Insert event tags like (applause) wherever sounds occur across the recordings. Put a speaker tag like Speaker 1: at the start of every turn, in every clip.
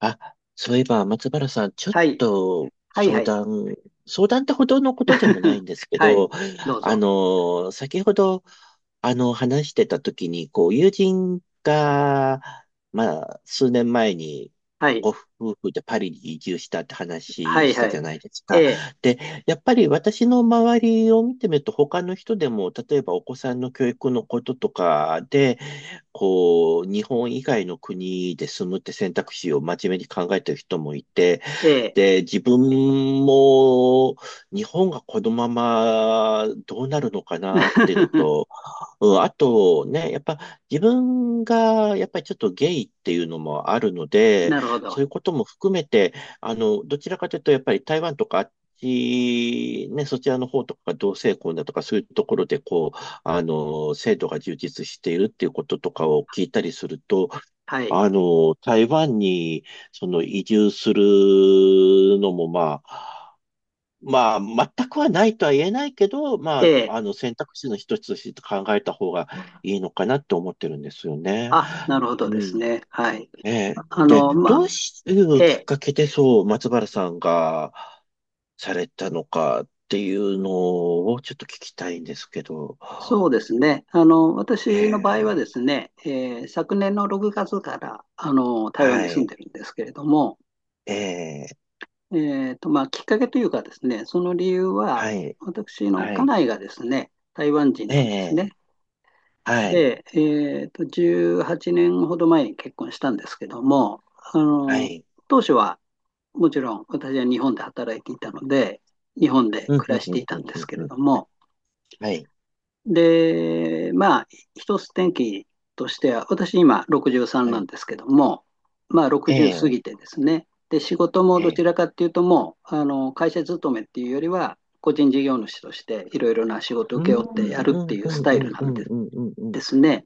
Speaker 1: あ、そういえば、松原さん、ちょっ
Speaker 2: はい。
Speaker 1: と
Speaker 2: はいは
Speaker 1: 相
Speaker 2: い。
Speaker 1: 談、相談ってほどのことでもない
Speaker 2: (laughs)
Speaker 1: んですけ
Speaker 2: はい。
Speaker 1: ど、
Speaker 2: どうぞ。
Speaker 1: 先ほど、話してた時に、友人が、数年前に、
Speaker 2: はい。
Speaker 1: ご夫婦でパリに移住したって
Speaker 2: は
Speaker 1: 話
Speaker 2: い
Speaker 1: し
Speaker 2: は
Speaker 1: たじゃ
Speaker 2: い。
Speaker 1: ないです
Speaker 2: え
Speaker 1: か。
Speaker 2: え、
Speaker 1: で、やっぱり私の周りを見てみると、他の人でも、例えばお子さんの教育のこととかこう、日本以外の国で住むって選択肢を真面目に考えてる人もいて、
Speaker 2: ええ。
Speaker 1: で、自分も日本がこのままどうなるのかなっていうのと、
Speaker 2: (laughs)
Speaker 1: うん、あとね、やっぱ自分がやっぱりちょっとゲイっていうのもあるので、
Speaker 2: なるほ
Speaker 1: そう
Speaker 2: ど。
Speaker 1: いうことも含めて、どちらかというとやっぱり台湾とかあっち、そちらの方とかが同性婚だとかそういうところでこう、制度が充実しているっていうこととかを聞いたりすると、
Speaker 2: はい。
Speaker 1: 台湾にその移住するのもまあ、まあ、全くはないとは言えないけど、
Speaker 2: ええ。
Speaker 1: 選択肢の一つとして考えた方がいいのかなって思ってるんですよね。
Speaker 2: あ、なるほどで
Speaker 1: う
Speaker 2: す
Speaker 1: ん。
Speaker 2: ね。はい。
Speaker 1: ええ。
Speaker 2: あ
Speaker 1: で、
Speaker 2: の、
Speaker 1: どう
Speaker 2: ま
Speaker 1: い
Speaker 2: あ、え
Speaker 1: うきっ
Speaker 2: え。
Speaker 1: かけでそう、松原さんがされたのかっていうのをちょっと聞きたいんですけど。
Speaker 2: そうですね。あの、
Speaker 1: え
Speaker 2: 私の場合は
Speaker 1: え、
Speaker 2: ですね、ええ昨年の6月から、あの、台湾に
Speaker 1: は
Speaker 2: 住ん
Speaker 1: い、
Speaker 2: でるんですけれども、
Speaker 1: ええ、
Speaker 2: まあ、きっかけというかですね、その理由は、
Speaker 1: はい、
Speaker 2: 私の
Speaker 1: は
Speaker 2: 家
Speaker 1: い、
Speaker 2: 内がですね、台湾人
Speaker 1: え
Speaker 2: なんですね。
Speaker 1: え、はい、
Speaker 2: で、18年ほど前に結婚したんですけども、あ
Speaker 1: は
Speaker 2: の、
Speaker 1: い、
Speaker 2: 当初はもちろん私は日本で働いていたので、日本で
Speaker 1: うん、
Speaker 2: 暮
Speaker 1: う
Speaker 2: ら
Speaker 1: ん、
Speaker 2: し
Speaker 1: う
Speaker 2: て
Speaker 1: ん、
Speaker 2: い
Speaker 1: う
Speaker 2: たん
Speaker 1: ん、
Speaker 2: で
Speaker 1: う
Speaker 2: す
Speaker 1: ん、
Speaker 2: け
Speaker 1: う
Speaker 2: れ
Speaker 1: ん、
Speaker 2: ども、
Speaker 1: はい、
Speaker 2: で、まあ、一つ転機としては、私今63
Speaker 1: は
Speaker 2: な
Speaker 1: い、
Speaker 2: んですけども、まあ
Speaker 1: え
Speaker 2: 60過
Speaker 1: え、
Speaker 2: ぎてですね、で、仕事も
Speaker 1: え
Speaker 2: どち
Speaker 1: え。
Speaker 2: らかっていうともう、あの、会社勤めっていうよりは、個人事業主としていろいろな仕事を
Speaker 1: う
Speaker 2: 請
Speaker 1: ん、う
Speaker 2: け負って
Speaker 1: ん、
Speaker 2: や
Speaker 1: う
Speaker 2: るって
Speaker 1: ん、
Speaker 2: いう
Speaker 1: う
Speaker 2: ス
Speaker 1: ん、
Speaker 2: タ
Speaker 1: う
Speaker 2: イ
Speaker 1: ん、
Speaker 2: ルな
Speaker 1: う
Speaker 2: んで
Speaker 1: ん、うんうん。
Speaker 2: ですね。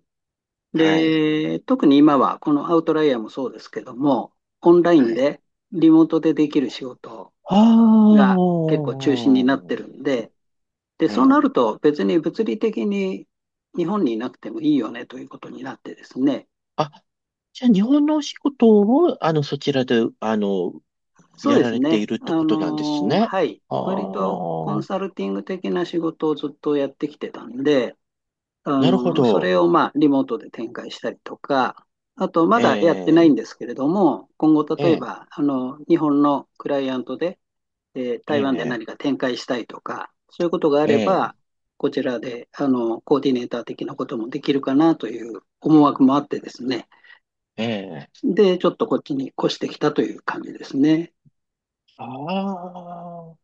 Speaker 1: はい。
Speaker 2: で、特に今はこのアウトライヤーもそうですけども、オンライ
Speaker 1: は
Speaker 2: ン
Speaker 1: い。
Speaker 2: でリモートでできる仕事
Speaker 1: あ
Speaker 2: が結構中心になってるんで、で、
Speaker 1: あ、ね
Speaker 2: そうな
Speaker 1: え。
Speaker 2: ると別に物理的に日本にいなくてもいいよねということになってですね。
Speaker 1: あ、じゃあ日本のお仕事を、そちらで、
Speaker 2: そう
Speaker 1: や
Speaker 2: で
Speaker 1: ら
Speaker 2: す
Speaker 1: れてい
Speaker 2: ね。
Speaker 1: るってことなんですね。
Speaker 2: はい。
Speaker 1: あ
Speaker 2: 割とコン
Speaker 1: あ、
Speaker 2: サルティング的な仕事をずっとやってきてたんで、あ
Speaker 1: なるほ
Speaker 2: の、そ
Speaker 1: ど。
Speaker 2: れをまあリモートで展開したりとか、あとま
Speaker 1: え
Speaker 2: だやってないん
Speaker 1: え、
Speaker 2: ですけれども、今後
Speaker 1: え
Speaker 2: 例え
Speaker 1: え、
Speaker 2: ば、あの、日本のクライアントで、
Speaker 1: え
Speaker 2: 台湾で
Speaker 1: え、
Speaker 2: 何か展開したいとか、そういうことがあれ
Speaker 1: え
Speaker 2: ば、こちらで、あの、コーディネーター的なこともできるかなという思惑もあってですね。
Speaker 1: え、ええ。
Speaker 2: で、ちょっとこっちに越してきたという感じですね。
Speaker 1: ああ。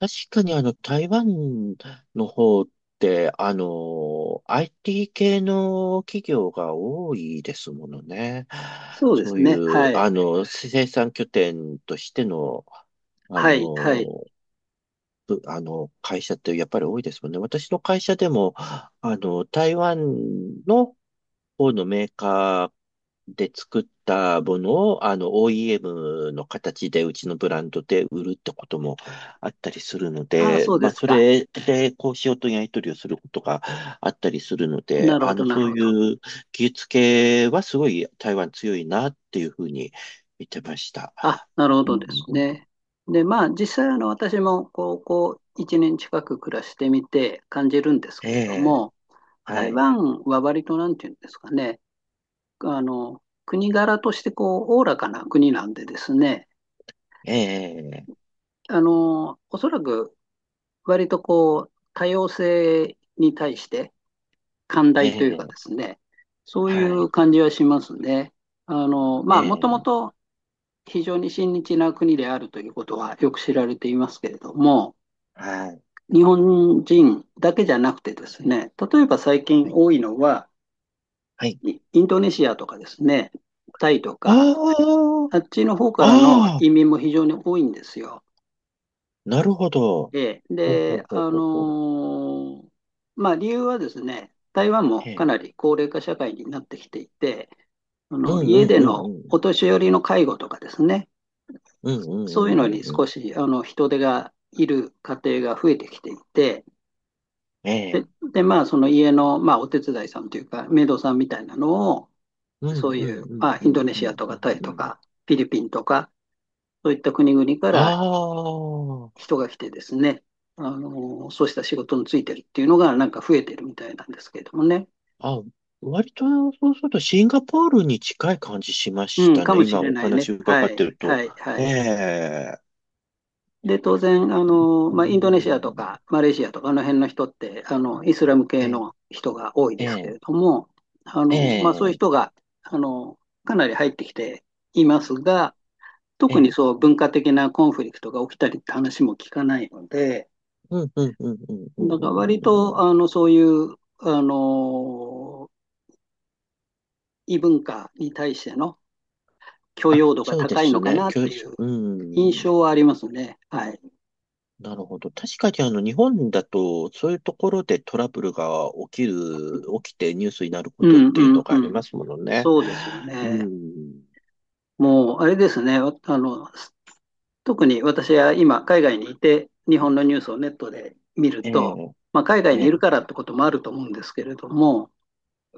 Speaker 1: 確かにあの、台湾の方って、IT 系の企業が多いですものね。
Speaker 2: そうで
Speaker 1: そう
Speaker 2: す
Speaker 1: い
Speaker 2: ね。は
Speaker 1: う、
Speaker 2: い。
Speaker 1: 生産拠点としての、あ
Speaker 2: はい。はい。
Speaker 1: の、ぶあの、会社ってやっぱり多いですもんね。私の会社でも、台湾の方のメーカーで作ったものを、OEM の形でうちのブランドで売るってこともあったりするの
Speaker 2: ああ、
Speaker 1: で、
Speaker 2: そうで
Speaker 1: まあ、
Speaker 2: す
Speaker 1: そ
Speaker 2: か。
Speaker 1: れで交渉とやり取りをすることがあったりするので、
Speaker 2: なるほど、なる
Speaker 1: そう
Speaker 2: ほど。
Speaker 1: いう技術系はすごい台湾強いなっていうふうに見てました。
Speaker 2: あ、なるほ
Speaker 1: う
Speaker 2: どで
Speaker 1: ん、
Speaker 2: すね。で、まあ、実際、あの、私も高校1年近く暮らしてみて感じるんです
Speaker 1: え
Speaker 2: けれど
Speaker 1: え、
Speaker 2: も、
Speaker 1: は
Speaker 2: 台
Speaker 1: い、
Speaker 2: 湾は割と、なんていうんですかね、あの、国柄として、こう、おおらかな国なんでですね、
Speaker 1: ええ、
Speaker 2: あの、おそらく、割と、こう、多様性に対して、寛
Speaker 1: え
Speaker 2: 大というか
Speaker 1: え、
Speaker 2: ですね、そうい
Speaker 1: はい、
Speaker 2: う感じはしますね。あの、
Speaker 1: え
Speaker 2: まあ、もとも
Speaker 1: え、
Speaker 2: と、非常に親日な国であるということはよく知られていますけれども、
Speaker 1: はい、
Speaker 2: 日本人だけじゃなくてですね、例えば最
Speaker 1: は
Speaker 2: 近
Speaker 1: い。
Speaker 2: 多いのは、
Speaker 1: はい。
Speaker 2: インドネシアとかですね、タイとか、
Speaker 1: あ
Speaker 2: あっちの方か
Speaker 1: あ、
Speaker 2: らの
Speaker 1: ああ、
Speaker 2: 移民も非常に多いんですよ。
Speaker 1: なるほど。
Speaker 2: ええ
Speaker 1: ほうほ
Speaker 2: で、
Speaker 1: うほうほうほう。
Speaker 2: ーまあ理由はですね、台湾も
Speaker 1: え
Speaker 2: か
Speaker 1: え。
Speaker 2: なり高齢化社会になってきていて、あ
Speaker 1: うん
Speaker 2: の
Speaker 1: う
Speaker 2: 家
Speaker 1: ん
Speaker 2: で
Speaker 1: うん
Speaker 2: の
Speaker 1: う
Speaker 2: お
Speaker 1: ん。
Speaker 2: 年寄りの介護とかですね、
Speaker 1: うんう
Speaker 2: そういう
Speaker 1: んう
Speaker 2: の
Speaker 1: ん
Speaker 2: に
Speaker 1: うんう
Speaker 2: 少
Speaker 1: ん。
Speaker 2: しあの人手がいる家庭が増えてきていて、
Speaker 1: え
Speaker 2: で、
Speaker 1: え。
Speaker 2: で、まあ、その家の、まあ、お手伝いさんというか、メイドさんみたいなのを、
Speaker 1: うん
Speaker 2: そう
Speaker 1: う
Speaker 2: い
Speaker 1: ん
Speaker 2: う、
Speaker 1: うん
Speaker 2: まあ、
Speaker 1: う
Speaker 2: イン
Speaker 1: ん
Speaker 2: ドネ
Speaker 1: う
Speaker 2: シ
Speaker 1: ん
Speaker 2: アと
Speaker 1: う
Speaker 2: か
Speaker 1: ん
Speaker 2: タイ
Speaker 1: う
Speaker 2: と
Speaker 1: ん。
Speaker 2: か、フィリピンとか、そういった国々か
Speaker 1: あ
Speaker 2: ら
Speaker 1: あ。
Speaker 2: 人が来てですね、あの、そうした仕事についてるっていうのが、なんか増えてるみたいなんですけれどもね。
Speaker 1: あ、割とそうするとシンガポールに近い感じしまし
Speaker 2: うん、
Speaker 1: た
Speaker 2: か
Speaker 1: ね。
Speaker 2: もし
Speaker 1: 今
Speaker 2: れ
Speaker 1: お
Speaker 2: ない
Speaker 1: 話
Speaker 2: ね。は
Speaker 1: 伺っ
Speaker 2: い、
Speaker 1: てると。
Speaker 2: はい、は
Speaker 1: え
Speaker 2: い。
Speaker 1: え。
Speaker 2: で、当然、あの、
Speaker 1: う
Speaker 2: まあ、インドネシアと
Speaker 1: ん、
Speaker 2: かマレーシアとかあの辺の人って、あの、イスラム
Speaker 1: え
Speaker 2: 系
Speaker 1: え。
Speaker 2: の人が多い
Speaker 1: え
Speaker 2: ですけ
Speaker 1: え。
Speaker 2: れども、あ
Speaker 1: え
Speaker 2: の、まあ、そういう人
Speaker 1: え。
Speaker 2: が、あの、かなり入ってきていますが、特
Speaker 1: え
Speaker 2: にそ
Speaker 1: え、
Speaker 2: う文化的なコンフリクトが起きたりって話も聞かないので、
Speaker 1: うんうんうんうんうん
Speaker 2: だから
Speaker 1: う
Speaker 2: 割
Speaker 1: んうんう
Speaker 2: と、
Speaker 1: ん。
Speaker 2: あの、そういう、あの、異文化に対しての許
Speaker 1: あ、
Speaker 2: 容度が
Speaker 1: そうで
Speaker 2: 高いの
Speaker 1: す
Speaker 2: か
Speaker 1: ね。
Speaker 2: なっ
Speaker 1: 教
Speaker 2: て
Speaker 1: 育、
Speaker 2: いう
Speaker 1: う
Speaker 2: 印
Speaker 1: ん。
Speaker 2: 象はありますね。はい。
Speaker 1: なるほど。確かにあの、日本だと、そういうところでトラブルが起きる、起きてニュースになるこ
Speaker 2: う
Speaker 1: とっ
Speaker 2: ん
Speaker 1: ていう
Speaker 2: う
Speaker 1: の
Speaker 2: ん
Speaker 1: があ
Speaker 2: う
Speaker 1: り
Speaker 2: ん。
Speaker 1: ますものね。
Speaker 2: そうですよ
Speaker 1: う
Speaker 2: ね。
Speaker 1: ん。
Speaker 2: もう、あれですね。わあの、特に私は今、海外にいて、日本のニュースをネットで見る
Speaker 1: え
Speaker 2: と、
Speaker 1: え、
Speaker 2: まあ、海外にいるか
Speaker 1: ええ、
Speaker 2: らってこともあると思うんですけれども、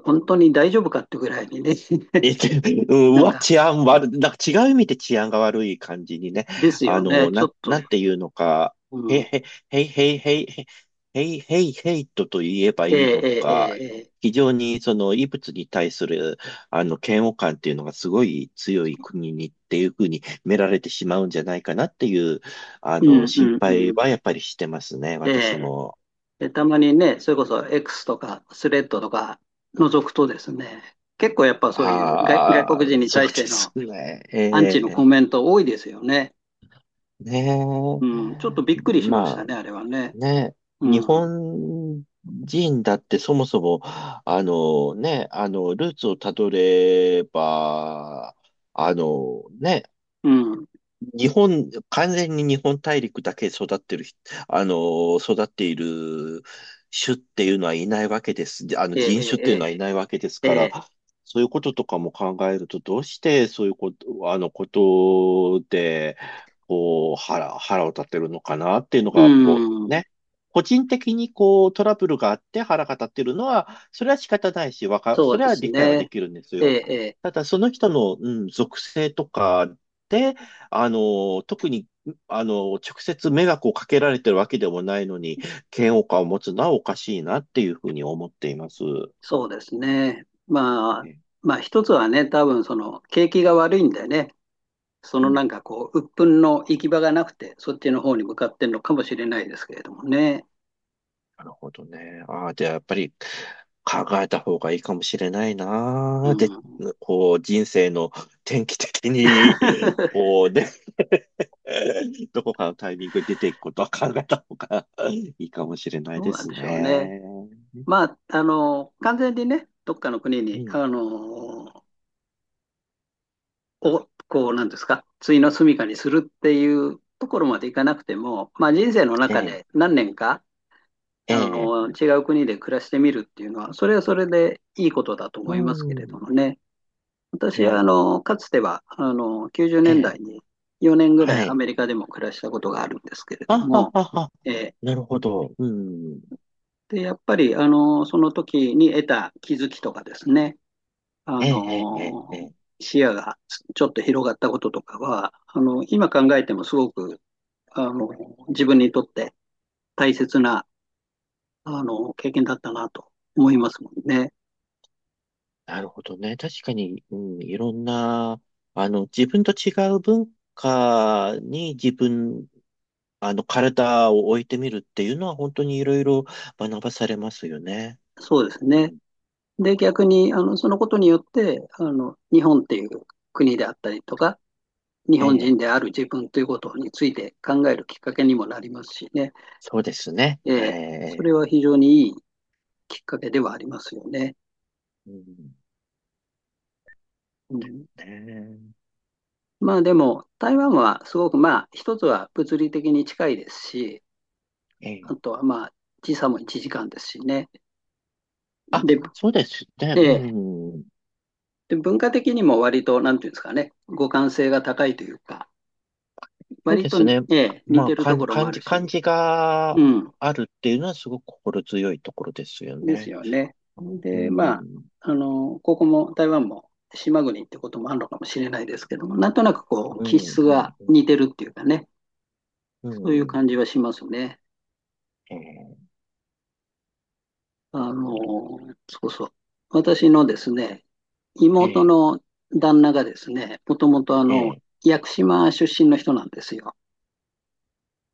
Speaker 2: 本当に大丈夫かってぐらいにね、
Speaker 1: え
Speaker 2: (laughs)
Speaker 1: て、うん、
Speaker 2: な
Speaker 1: う
Speaker 2: ん
Speaker 1: わ
Speaker 2: か、
Speaker 1: 治安悪い、なんか違う意味で治安が悪い感じにね、
Speaker 2: ですよね。ちょっ
Speaker 1: な
Speaker 2: と、
Speaker 1: んていうのか、
Speaker 2: う
Speaker 1: へ、
Speaker 2: ん。
Speaker 1: へ、へいへいへいへい、へいへいヘイトと言えば
Speaker 2: え
Speaker 1: いい
Speaker 2: え
Speaker 1: の
Speaker 2: え
Speaker 1: か、
Speaker 2: えええ
Speaker 1: 非常にその異物に対する、嫌悪感っていうのがすごい強い国にっていうふうに見られてしまうんじゃないかなっていう、
Speaker 2: うんう
Speaker 1: 心
Speaker 2: んう
Speaker 1: 配は
Speaker 2: ん。
Speaker 1: やっぱりしてますね、
Speaker 2: え
Speaker 1: 私
Speaker 2: え
Speaker 1: も。
Speaker 2: でたまにね、それこそ X とかスレッドとか覗くとですね、結構やっぱそういう外、外
Speaker 1: ああ、
Speaker 2: 国人に
Speaker 1: そ
Speaker 2: 対
Speaker 1: う
Speaker 2: し
Speaker 1: で
Speaker 2: て
Speaker 1: す
Speaker 2: の
Speaker 1: ね。え
Speaker 2: アンチの
Speaker 1: え、
Speaker 2: コメント多いですよね。
Speaker 1: ね
Speaker 2: うん、ちょっとびっ
Speaker 1: え。
Speaker 2: くりしました
Speaker 1: ま、
Speaker 2: ね、あれはね。
Speaker 1: ね、
Speaker 2: う
Speaker 1: 日
Speaker 2: ん、
Speaker 1: 本人だってそもそも、あのね、ルーツをたどれば、あのね、
Speaker 2: うん、
Speaker 1: 完全に日本大陸だけ育ってる人、育っている種っていうのはいないわけです。で、
Speaker 2: ええ、
Speaker 1: 人種っていうの
Speaker 2: え
Speaker 1: はいないわけです
Speaker 2: え、
Speaker 1: か
Speaker 2: ええ、
Speaker 1: ら、そういうこととかも考えると、どうしてそういうことで、こう、腹を立てるのかなっていうの
Speaker 2: う
Speaker 1: が、こう、
Speaker 2: ん、
Speaker 1: ね。個人的にこう、トラブルがあって腹が立ってるのは、それは仕方ないし、
Speaker 2: そ
Speaker 1: そ
Speaker 2: う
Speaker 1: れ
Speaker 2: で
Speaker 1: は
Speaker 2: す
Speaker 1: 理解はで
Speaker 2: ね。
Speaker 1: きるんです
Speaker 2: ええ、
Speaker 1: よ。
Speaker 2: ええ、
Speaker 1: ただ、その人の、うん、属性とか、で、あの、特に、あの、直接迷惑をかけられてるわけでもないのに、嫌悪感を持つのはおかしいなっていうふうに思っています。
Speaker 2: そうですね。まあ、
Speaker 1: ね、
Speaker 2: まあ一つはね、多分その景気が悪いんでね、そ
Speaker 1: う
Speaker 2: の
Speaker 1: ん、
Speaker 2: なんかこう、鬱憤の行き場がなくて、そっちの方に向かってるのかもしれないですけれどもね。
Speaker 1: なるほどね。ああ、じゃあやっぱり考えた方がいいかもしれない
Speaker 2: う
Speaker 1: な。で、
Speaker 2: ん。
Speaker 1: こう、人生の転機的に、
Speaker 2: (laughs)
Speaker 1: こうね、(laughs) どこかのタイミングで出ていくことは考えた方がいいかもしれない
Speaker 2: どう
Speaker 1: で
Speaker 2: なん
Speaker 1: す
Speaker 2: でしょうね。
Speaker 1: ね。
Speaker 2: まあ、あの、完全にね、どっかの国
Speaker 1: う
Speaker 2: に、
Speaker 1: ん、
Speaker 2: あの、を、こう、なんですか、終の住処にするっていうところまでいかなくても、まあ、人生の
Speaker 1: え
Speaker 2: 中
Speaker 1: え、
Speaker 2: で何年か、
Speaker 1: え
Speaker 2: あ
Speaker 1: え、
Speaker 2: の、違う国で暮らしてみるっていうのは、それはそれでいいことだと
Speaker 1: う
Speaker 2: 思いますけれど
Speaker 1: ん、
Speaker 2: もね。
Speaker 1: え
Speaker 2: 私は、あ
Speaker 1: え、
Speaker 2: の、かつては、あの、90年
Speaker 1: え
Speaker 2: 代
Speaker 1: え。
Speaker 2: に4年ぐらい
Speaker 1: は
Speaker 2: ア
Speaker 1: い。
Speaker 2: メリカでも暮らしたことがあるんですけれど
Speaker 1: あは
Speaker 2: も、
Speaker 1: はは。
Speaker 2: えー
Speaker 1: なるほど。うん。
Speaker 2: で、やっぱり、あの、その時に得た気づきとかですね、あ
Speaker 1: ええ、ええ、ええ。え
Speaker 2: のー
Speaker 1: え、
Speaker 2: 視野がちょっと広がったこととかは、あの、今考えてもすごく、あの、自分にとって大切な、あの、経験だったなと思いますもんね。
Speaker 1: なるほどね。確かに、うん、いろんな、自分と違う文化に自分、体を置いてみるっていうのは本当にいろいろ学ばされますよね。
Speaker 2: そうです
Speaker 1: う
Speaker 2: ね。
Speaker 1: ん、
Speaker 2: で、逆に、あの、そのことによって、あの、日本っていう国であったりとか、日
Speaker 1: え
Speaker 2: 本
Speaker 1: え、
Speaker 2: 人である自分ということについて考えるきっかけにもなりますしね。
Speaker 1: そうですね。
Speaker 2: え
Speaker 1: は
Speaker 2: ーそ
Speaker 1: い。
Speaker 2: れは非常にいいきっかけではありますよね。
Speaker 1: うん、
Speaker 2: うん
Speaker 1: ね
Speaker 2: まあでも、台湾はすごくまあ、一つは物理的に近いですし、
Speaker 1: え、ええ、
Speaker 2: あとはまあ、時差も1時間ですしね。
Speaker 1: あ、
Speaker 2: で、
Speaker 1: そうですね。
Speaker 2: ええ
Speaker 1: うん。
Speaker 2: で文化的にも割と、なんていうんですかね、互換性が高いというか、
Speaker 1: そう
Speaker 2: 割
Speaker 1: で
Speaker 2: と
Speaker 1: す
Speaker 2: に、
Speaker 1: ね。
Speaker 2: ええ似
Speaker 1: まあ
Speaker 2: てると
Speaker 1: 感じ
Speaker 2: ころもあ
Speaker 1: 感
Speaker 2: る
Speaker 1: じ感
Speaker 2: し、
Speaker 1: じ
Speaker 2: う
Speaker 1: が
Speaker 2: ん、
Speaker 1: あるっていうのはすごく心強いところですよ
Speaker 2: です
Speaker 1: ね。
Speaker 2: よね。
Speaker 1: う
Speaker 2: で、ま
Speaker 1: ん
Speaker 2: あ、
Speaker 1: うん
Speaker 2: あの、ここも台湾も島国ってこともあるのかもしれないですけども、なんとなくこう、
Speaker 1: う
Speaker 2: 気
Speaker 1: ん
Speaker 2: 質が似てるっていうかね、
Speaker 1: う
Speaker 2: そういう
Speaker 1: んう
Speaker 2: 感
Speaker 1: ん、
Speaker 2: じはしますね。
Speaker 1: ええ、
Speaker 2: あ
Speaker 1: 本当、
Speaker 2: の、そうそう。私のですね、妹
Speaker 1: ええ
Speaker 2: の旦那がですね、もともとあの、
Speaker 1: ええ、
Speaker 2: 屋久島出身の人なんですよ。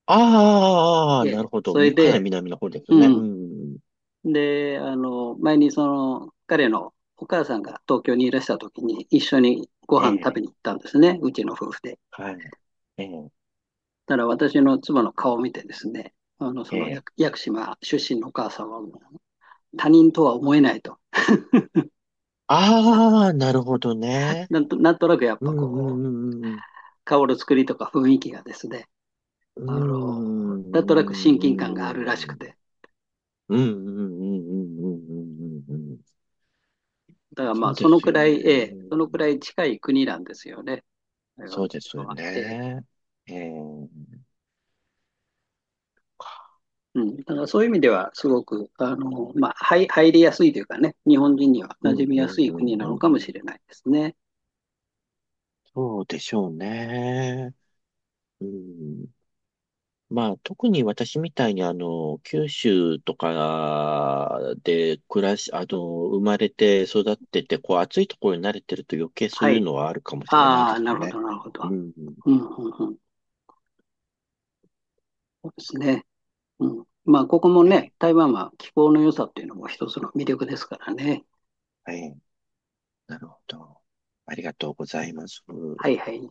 Speaker 1: ああ
Speaker 2: え
Speaker 1: な
Speaker 2: え、
Speaker 1: るほど、
Speaker 2: それ
Speaker 1: み、かな
Speaker 2: で、
Speaker 1: り南のほうですね。
Speaker 2: う
Speaker 1: うん
Speaker 2: ん。
Speaker 1: うん、
Speaker 2: で、あの、前にその、彼のお母さんが東京にいらした時に一緒にご飯食べ
Speaker 1: ええ、
Speaker 2: に行ったんですね、うちの夫婦で。
Speaker 1: はい、ええ
Speaker 2: ただ私の妻の顔を見てですね、あの、その屋
Speaker 1: ええ、
Speaker 2: 屋久島出身のお母さんはもう他人とは思えないと。
Speaker 1: ああなるほどね。
Speaker 2: なんとなくやっ
Speaker 1: う
Speaker 2: ぱ
Speaker 1: んう
Speaker 2: こ
Speaker 1: ん
Speaker 2: う、
Speaker 1: うんうん
Speaker 2: 顔の作りとか雰囲気がですね、
Speaker 1: う
Speaker 2: あの、
Speaker 1: ん
Speaker 2: なんとなく親近感があるらし
Speaker 1: う
Speaker 2: く
Speaker 1: ん
Speaker 2: て。
Speaker 1: うんうんうんうんうんうんうんうん。
Speaker 2: だからま
Speaker 1: そ
Speaker 2: あ、
Speaker 1: うで
Speaker 2: その
Speaker 1: す
Speaker 2: く
Speaker 1: よ
Speaker 2: ら
Speaker 1: ね。
Speaker 2: い、ええそ
Speaker 1: う
Speaker 2: のく
Speaker 1: ん、
Speaker 2: らい近い国なんですよね、台湾
Speaker 1: そ
Speaker 2: っ
Speaker 1: う
Speaker 2: て
Speaker 1: で
Speaker 2: いう
Speaker 1: す
Speaker 2: の
Speaker 1: よ
Speaker 2: は。ええ
Speaker 1: ね。ええ。うん、
Speaker 2: うん、だからそういう意味では、すごく、あの、まあ、はい入りやすいというかね、日本人には
Speaker 1: う
Speaker 2: 馴染
Speaker 1: ん、
Speaker 2: み
Speaker 1: う
Speaker 2: や
Speaker 1: ん、
Speaker 2: すい国な
Speaker 1: う
Speaker 2: の
Speaker 1: ん。
Speaker 2: かもしれないですね。
Speaker 1: そうでしょうね。うん。まあ、特に私みたいに、九州とかで暮らし、あの、生まれて育ってて、こう、暑いところに慣れてると余計そう
Speaker 2: は
Speaker 1: いう
Speaker 2: い。
Speaker 1: のはあるかもしれない
Speaker 2: あ
Speaker 1: で
Speaker 2: あ、
Speaker 1: す
Speaker 2: なるほ
Speaker 1: ね。
Speaker 2: ど、なるほ
Speaker 1: う
Speaker 2: ど。
Speaker 1: ん。
Speaker 2: うん、うん、うん。そうですね。うん。まあ、ここも
Speaker 1: え
Speaker 2: ね、
Speaker 1: え。
Speaker 2: 台湾は気候の良さっていうのも一つの魅力ですからね。
Speaker 1: はい。なるほど。ありがとうございます。
Speaker 2: はい、はい。